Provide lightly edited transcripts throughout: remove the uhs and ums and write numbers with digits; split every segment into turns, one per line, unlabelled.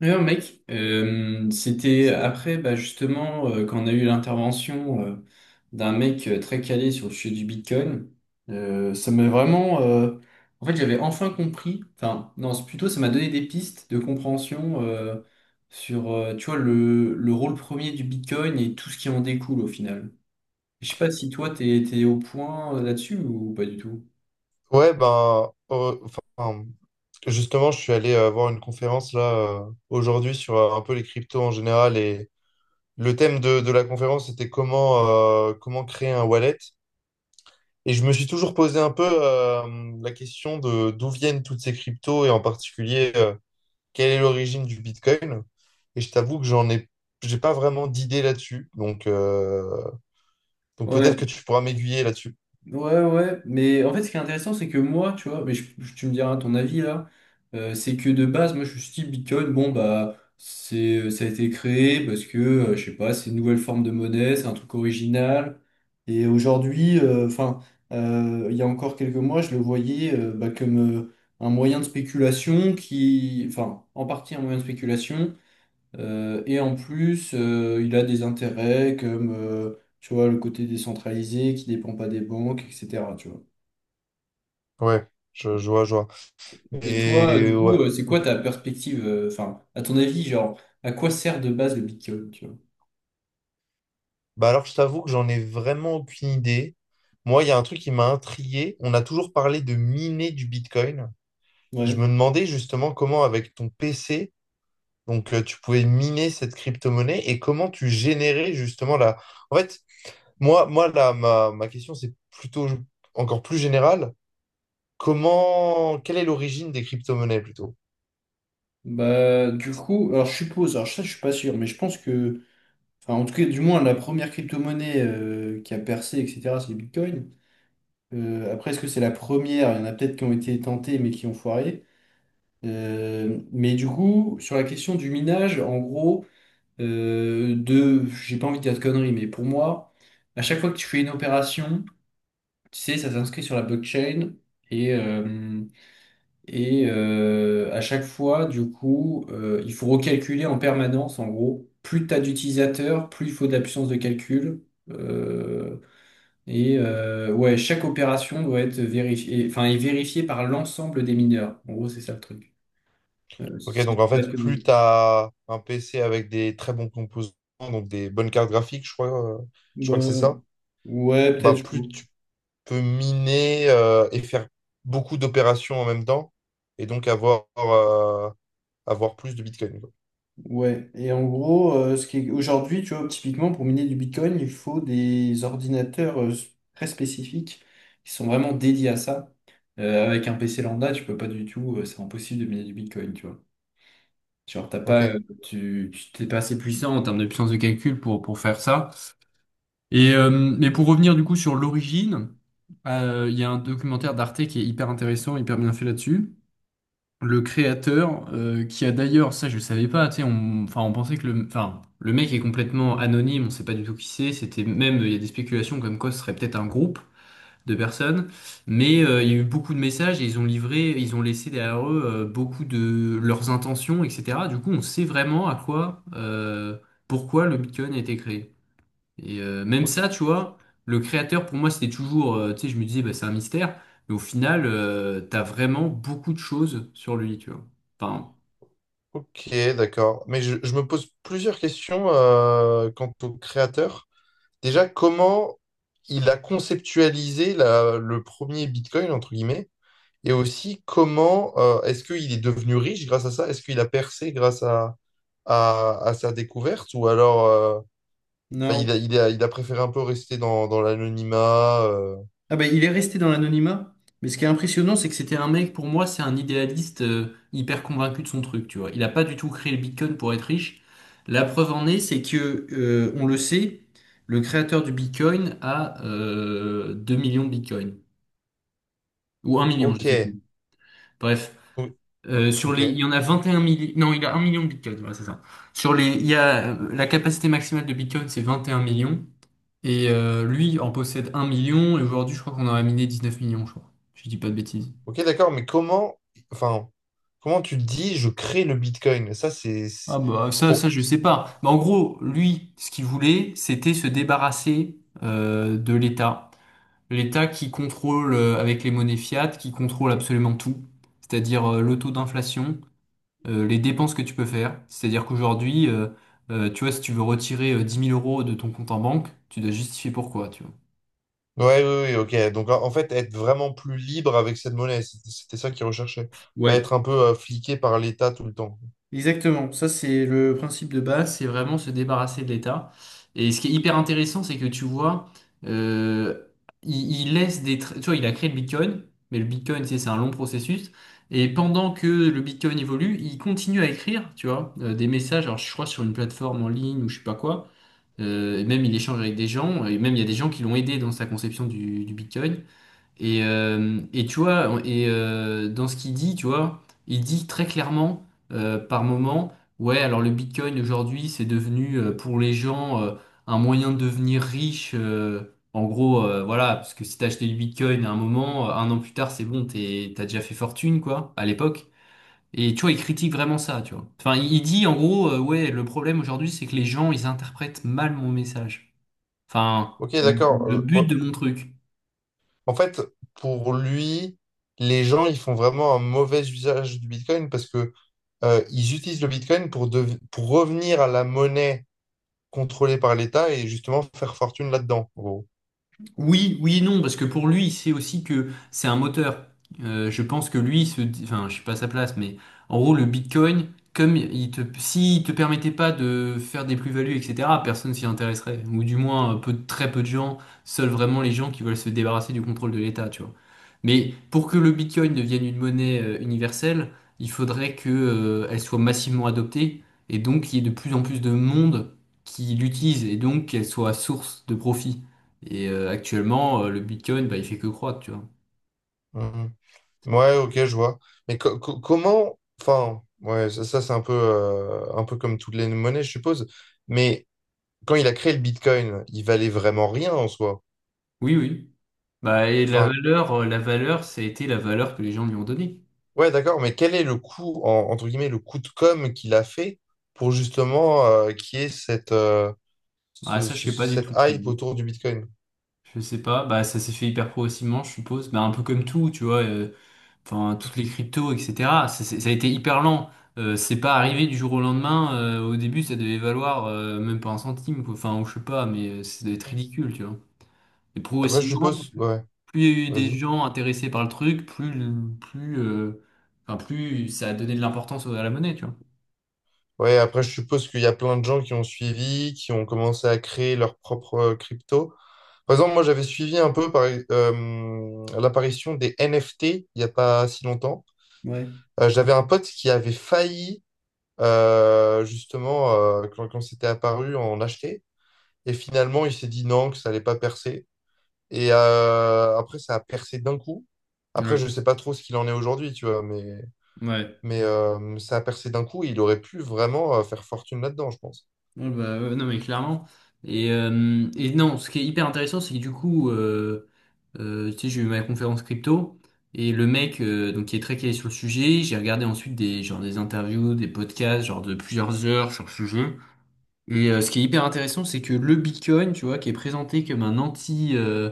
D'ailleurs, mec, c'était après, bah, justement, quand on a eu l'intervention d'un mec très calé sur le sujet du Bitcoin. Euh, ça m'a vraiment... euh, en fait, j'avais enfin compris. Enfin, non, c'est plutôt, ça m'a donné des pistes de compréhension sur, tu vois, le rôle premier du Bitcoin et tout ce qui en découle au final. Je sais pas si toi, t'es au point là-dessus ou pas du tout.
Ouais, ben, enfin, justement, je suis allé voir une conférence là aujourd'hui sur un peu les cryptos en général et le thème de la conférence était comment créer un wallet. Et je me suis toujours posé un peu la question de d'où viennent toutes ces cryptos et en particulier quelle est l'origine du Bitcoin. Et je t'avoue que j'ai pas vraiment d'idée là-dessus. Donc peut-être
Ouais.
que tu pourras m'aiguiller là-dessus.
Ouais, ouais, mais en fait, ce qui est intéressant, c'est que moi, tu vois, mais tu me diras ton avis là. C'est que de base, moi, je me suis dit, Bitcoin, bon, bah, c'est, ça a été créé parce que, je sais pas, c'est une nouvelle forme de monnaie, c'est un truc original. Et aujourd'hui, enfin, il y a encore quelques mois, je le voyais bah, comme un moyen de spéculation qui, enfin, en partie un moyen de spéculation. Et en plus, il a des intérêts comme, tu vois, le côté décentralisé qui dépend pas des banques, etc. Tu vois.
Ouais, je vois, je vois.
Et toi, du
Et
coup,
ouais.
c'est quoi
Ok.
ta perspective? Enfin, à ton avis, genre, à quoi sert de base le Bitcoin, tu vois?
Bah alors, je t'avoue que j'en ai vraiment aucune idée. Moi, il y a un truc qui m'a intrigué. On a toujours parlé de miner du Bitcoin. Je
Ouais.
me demandais justement comment, avec ton PC, donc tu pouvais miner cette crypto-monnaie et comment tu générais justement la. En fait, ma question, c'est plutôt encore plus générale. Quelle est l'origine des crypto-monnaies plutôt?
Bah, du coup, alors je suppose, alors ça, je suis pas sûr, mais je pense que, enfin, en tout cas, du moins, la première crypto-monnaie qui a percé, etc., c'est le Bitcoin. Après, est-ce que c'est la première? Il y en a peut-être qui ont été tentées, mais qui ont foiré. Mais du coup, sur la question du minage, en gros, j'ai pas envie de dire de conneries, mais pour moi, à chaque fois que tu fais une opération, tu sais, ça s'inscrit sur la blockchain. Et, euh, et euh, à chaque fois, du coup, il faut recalculer en permanence, en gros. Plus t'as d'utilisateurs, plus il faut de la puissance de calcul. Euh, et ouais, chaque opération doit être vérifiée, enfin, est vérifiée par l'ensemble des mineurs. En gros, c'est ça le truc.
Ok,
Si je
donc
dis
en
pas
fait,
de
plus
conneries.
tu as un PC avec des très bons composants, donc des bonnes cartes graphiques, je crois que c'est
Bah,
ça,
ouais, peut-être.
bah, plus peut miner et faire beaucoup d'opérations en même temps et donc avoir plus de Bitcoin, quoi.
Ouais. Et en gros, aujourd'hui, tu vois, typiquement pour miner du Bitcoin, il faut des ordinateurs très spécifiques qui sont vraiment dédiés à ça. Avec un PC lambda, tu peux pas du tout. C'est impossible de miner du Bitcoin, tu vois. Genre, t'as
Ok,
pas, t'es pas assez puissant en termes de puissance de calcul pour, faire ça. Et, mais pour revenir du coup sur l'origine, il y a un documentaire d'Arte qui est hyper intéressant, hyper bien fait là-dessus. Le créateur, qui a d'ailleurs, ça je le savais pas, tu sais, on, enfin, on pensait que le, enfin, le mec est complètement anonyme, on sait pas du tout qui c'est, c'était même, il y a des spéculations comme quoi ce serait peut-être un groupe de personnes. Mais il y a eu beaucoup de messages et ils ont livré, ils ont laissé derrière eux beaucoup de leurs intentions, etc. Du coup, on sait vraiment à quoi, pourquoi le Bitcoin a été créé. Et même ça,
ok,
tu vois, le créateur, pour moi, c'était toujours, tu sais, je me disais, bah, c'est un mystère, mais au final, t'as vraiment beaucoup de choses sur lui, tu vois. Enfin,
ok, d'accord. Mais je me pose plusieurs questions quant au créateur. Déjà, comment il a conceptualisé le premier Bitcoin, entre guillemets, et aussi comment est-ce qu'il est devenu riche grâce à ça? Est-ce qu'il a percé grâce à sa découverte ou alors, enfin,
non.
il a, il a, préféré un peu rester dans l'anonymat.
Ah ben, il est resté dans l'anonymat. Mais ce qui est impressionnant, c'est que c'était un mec, pour moi, c'est un idéaliste hyper convaincu de son truc, tu vois. Il n'a pas du tout créé le Bitcoin pour être riche. La preuve en est, c'est que, on le sait, le créateur du Bitcoin a 2 millions de Bitcoin. Ou un million, je sais
Ok,
plus. Bref.
O- ok,
Il y en a 21 millions. Non, il a un million de bitcoins, voilà, c'est ça. Il y a, la capacité maximale de bitcoin, c'est 21 millions, et lui en possède un million. Et aujourd'hui, je crois qu'on en a miné 19 millions, je crois. Si je dis pas de bêtises.
ok, d'accord, mais comment, enfin, comment tu te dis je crée le Bitcoin? Ça, c'est
Ah
c'est-
bah,
pour.
je sais pas. Bah, en gros, lui, ce qu'il voulait, c'était se débarrasser de l'État. L'État qui contrôle, avec les monnaies fiat, qui contrôle absolument tout, c'est-à-dire le taux d'inflation, les dépenses que tu peux faire. C'est-à-dire qu'aujourd'hui, tu vois, si tu veux retirer 10 000 euros de ton compte en banque, tu dois justifier pourquoi, tu vois.
Ouais, oui, ok. Donc, en fait, être vraiment plus libre avec cette monnaie, c'était ça qu'ils recherchaient. Pas
Ouais.
être un peu fliqué par l'État tout le temps.
Exactement, ça c'est le principe de base, c'est vraiment se débarrasser de l'État. Et ce qui est hyper intéressant, c'est que tu vois, euh, il laisse des... tra- Tu vois, il a créé le Bitcoin, mais le Bitcoin, tu sais, c'est un long processus. Et pendant que le Bitcoin évolue, il continue à écrire, tu vois, des messages, alors je crois sur une plateforme en ligne ou je sais pas quoi. Et même il échange avec des gens, et même il y a des gens qui l'ont aidé dans sa conception du Bitcoin. Et tu vois, dans ce qu'il dit, tu vois, il dit très clairement par moment, ouais, alors le Bitcoin aujourd'hui, c'est devenu pour les gens un moyen de devenir riche. En gros, voilà, parce que si t'as acheté du Bitcoin à un moment, un an plus tard, c'est bon, t'as déjà fait fortune, quoi, à l'époque. Et tu vois, il critique vraiment ça, tu vois. Enfin, il dit en gros, ouais, le problème aujourd'hui, c'est que les gens, ils interprètent mal mon message. Enfin,
Ok, d'accord.
le but
Ouais.
de mon truc.
En fait, pour lui, les gens, ils font vraiment un mauvais usage du Bitcoin parce que ils utilisent le Bitcoin pour revenir à la monnaie contrôlée par l'État et justement faire fortune là-dedans, en gros.
Oui, oui, et non, parce que pour lui, c'est aussi que c'est un moteur. Je pense que lui, enfin, je suis pas à sa place, mais en gros, le Bitcoin, s'il te permettait pas de faire des plus-values, etc., personne s'y intéresserait, ou du moins très peu de gens, seuls vraiment les gens qui veulent se débarrasser du contrôle de l'État, tu vois. Mais pour que le Bitcoin devienne une monnaie universelle, il faudrait que, elle soit massivement adoptée, et donc qu'il y ait de plus en plus de monde qui l'utilise, et donc qu'elle soit source de profit. Et actuellement, le Bitcoin, bah, il fait que croître, tu vois.
Mmh, mmh. Ouais, ok, je vois. Mais comment, enfin, ouais, ça, c'est un peu comme toutes les monnaies, je suppose. Mais quand il a créé le Bitcoin, il valait vraiment rien en soi.
Oui, oui. Bah, et la
Enfin,
valeur, euh, la valeur, ça a été la valeur que les gens lui ont donnée.
ouais, d'accord, mais quel est le coût, entre guillemets, le coût de com qu'il a fait pour justement qu'il y ait
Bah, ça, je sais pas du
cette
tout, je
hype
t'avoue.
autour du Bitcoin?
Je sais pas. Bah, ça s'est fait hyper progressivement, je suppose. Bah, un peu comme tout, tu vois. Enfin, toutes les cryptos, etc. Ça a été hyper lent. C'est pas arrivé du jour au lendemain. Au début, ça devait valoir même pas un centime, quoi. Enfin, ou je sais pas, mais ça devait être
Ouais.
ridicule, tu vois. Et
Après, je
progressivement,
suppose, ouais,
plus il y a eu des
vas-y.
gens intéressés par le truc, enfin, plus ça a donné de l'importance à la monnaie, tu vois.
Ouais, après, je suppose qu'il y a plein de gens qui ont suivi, qui ont commencé à créer leur propre crypto. Par exemple, moi, j'avais suivi un peu l'apparition des NFT il n'y a pas si longtemps.
Ouais.
J'avais un pote qui avait failli, justement, quand c'était apparu, en acheter. Et finalement, il s'est dit non, que ça n'allait pas percer. Et après, ça a percé d'un coup. Après,
Ouais,
je ne sais pas trop ce qu'il en est aujourd'hui, tu vois, mais,
ouais.
mais euh, ça a percé d'un coup. Et il aurait pu vraiment faire fortune là-dedans, je pense.
Ouais, bah, ouais, non, mais clairement. Et non, ce qui est hyper intéressant, c'est que du coup, tu sais, j'ai eu ma conférence crypto et le mec donc, qui est très calé sur le sujet, j'ai regardé ensuite genre, des interviews, des podcasts, genre de plusieurs heures sur le sujet. Et ce qui est hyper intéressant, c'est que le Bitcoin, tu vois, qui est présenté comme un anti, euh,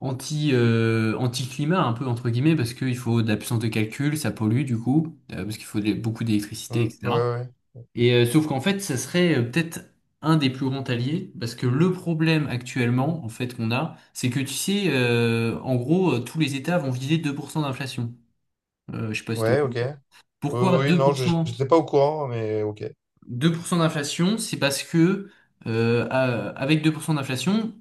anti, euh, anti-climat un peu entre guillemets parce qu'il faut de la puissance de calcul, ça pollue du coup, parce qu'il faut beaucoup d'électricité,
Mm, ouais,
etc.
ouais.
Et sauf qu'en fait, ça serait peut-être un des plus grands alliés parce que le problème actuellement en fait qu'on a, c'est que tu sais, en gros, tous les États vont viser 2% d'inflation. Je sais pas si t'es au
Ouais, ouais, ok.
courant.
Oui,
Pourquoi
oui,
deux
non,
pour
je
cent?
n'étais pas au courant, mais ok.
2% d'inflation, c'est parce que avec 2% d'inflation,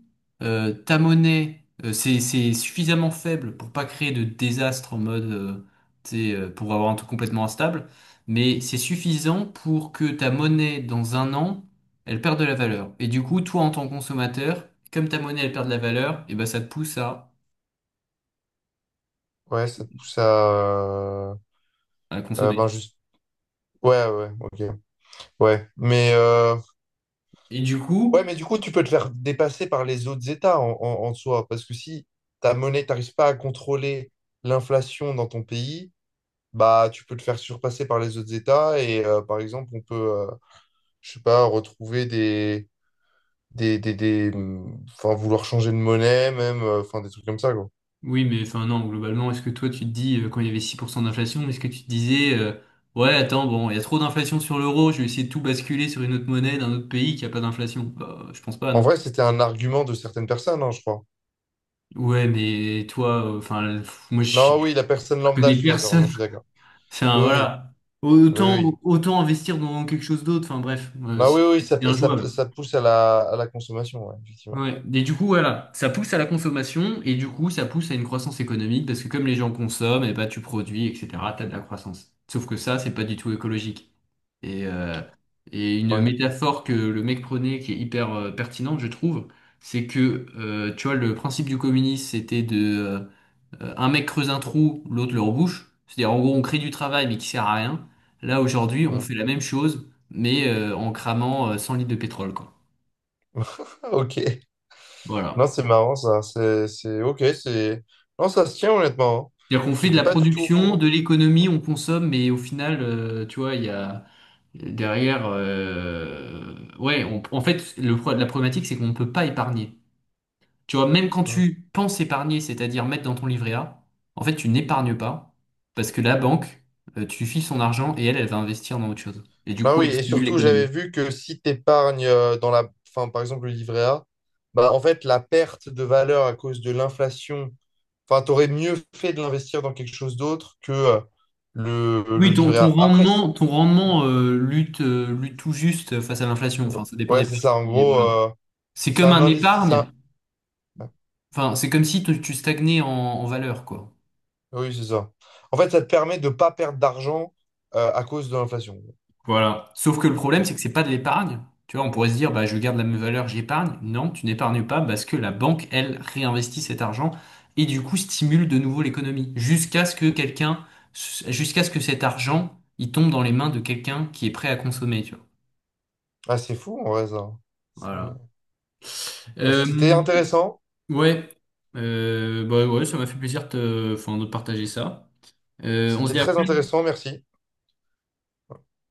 ta monnaie, c'est suffisamment faible pour pas créer de désastre en mode, tu sais, pour avoir un truc complètement instable, mais c'est suffisant pour que ta monnaie, dans un an, elle perde de la valeur. Et du coup, toi, en tant que consommateur, comme ta monnaie, elle perd de la valeur, et ben ça te pousse à,
Ouais, ça te pousse à... euh, ben
consommer.
juste. Ouais, ouais, ok. Ouais. Mais,
Et du coup,
ouais, mais du coup, tu peux te faire dépasser par les autres États en soi. Parce que si ta monnaie, t'arrives pas à contrôler l'inflation dans ton pays, bah tu peux te faire surpasser par les autres États. Et par exemple, on peut, je sais pas, retrouver des enfin, vouloir changer de monnaie, même, enfin, des trucs comme ça, quoi.
oui, mais enfin non, globalement, est-ce que toi tu te dis, quand il y avait 6% d'inflation, est-ce que tu te disais, ouais, attends, bon, il y a trop d'inflation sur l'euro, je vais essayer de tout basculer sur une autre monnaie d'un autre pays qui a pas d'inflation? Bah, je pense pas,
En
non?
vrai, c'était un argument de certaines personnes, hein, je crois.
Ouais, mais toi, moi je
Non,
je
oui, la personne lambda, je
connais
suis d'accord. Non,
personne.
je suis d'accord.
Enfin
Oui, oui.
voilà,
Oui,
autant,
oui.
autant investir dans quelque chose d'autre, enfin bref,
Non,
c'est
oui, oui, ça,
c'est
ça,
injouable.
ça pousse à la consommation, ouais, effectivement.
Ouais. Et du coup, voilà, ça pousse à la consommation et du coup, ça pousse à une croissance économique parce que comme les gens consomment, et bah, tu produis, etc., t'as de la croissance. Sauf que ça, c'est pas du tout écologique. Et, euh, et une
Ouais.
métaphore que le mec prenait qui est hyper pertinente, je trouve, c'est que, tu vois, le principe du communisme, c'était de un mec creuse un trou, l'autre le rebouche. C'est-à-dire, en gros, on crée du travail mais qui sert à rien. Là, aujourd'hui, on
Ouais.
fait la même chose, mais en cramant 100 litres de pétrole, quoi.
Ah, ok. Non,
Voilà.
c'est marrant, ça. C'est, ok, c'est. Non, ça se tient, honnêtement, hein.
C'est-à-dire qu'on fait de
J'étais
la
pas du tout au
production, de
courant.
l'économie,
Ouais.
on consomme, mais au final, tu vois, il y a derrière, ouais, on- en fait, le, pro- la problématique, c'est qu'on ne peut pas épargner. Tu vois, même quand
Ouais.
tu penses épargner, c'est-à-dire mettre dans ton livret A, en fait, tu n'épargnes pas parce que la banque, tu lui files son argent et elle, elle va investir dans autre chose. Et du
Ah
coup,
oui,
elle
et
stimule
surtout, j'avais
l'économie.
vu que si t'épargnes dans la. Enfin, par exemple, le livret A, bah, en fait, la perte de valeur à cause de l'inflation, enfin, t'aurais mieux fait de l'investir dans quelque chose d'autre que le
Oui, ton,
livret
ton
A. Après,
rendement, ton rendement euh, lutte tout juste face à l'inflation.
ouais,
Enfin, ça dépend
ouais,
des
c'est
périodes,
ça, en
mais
gros...
voilà.
euh,
C'est
c'est
comme
un
un
investissement.
épargne. Enfin, c'est comme si tu stagnais en valeur, quoi.
Oui, c'est ça. En fait, ça te permet de ne pas perdre d'argent à cause de l'inflation.
Voilà. Sauf que le problème, c'est que c'est pas de l'épargne. Tu vois, on pourrait se dire, bah, je garde la même valeur, j'épargne. Non, tu n'épargnes pas parce que la banque, elle, réinvestit cet argent et du coup stimule de nouveau l'économie jusqu'à ce que quelqu'un, jusqu'à ce que cet argent, il tombe dans les mains de quelqu'un qui est prêt à consommer, tu vois.
Ah, c'est fou, en vrai, ça. C'est-
Voilà.
Bah, c'était
Euh,
intéressant.
ouais. Bah ouais, ça m'a fait plaisir de, enfin, de partager ça. On se
C'était
dit à la
très
prochaine?
intéressant, merci.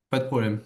Pas de problème.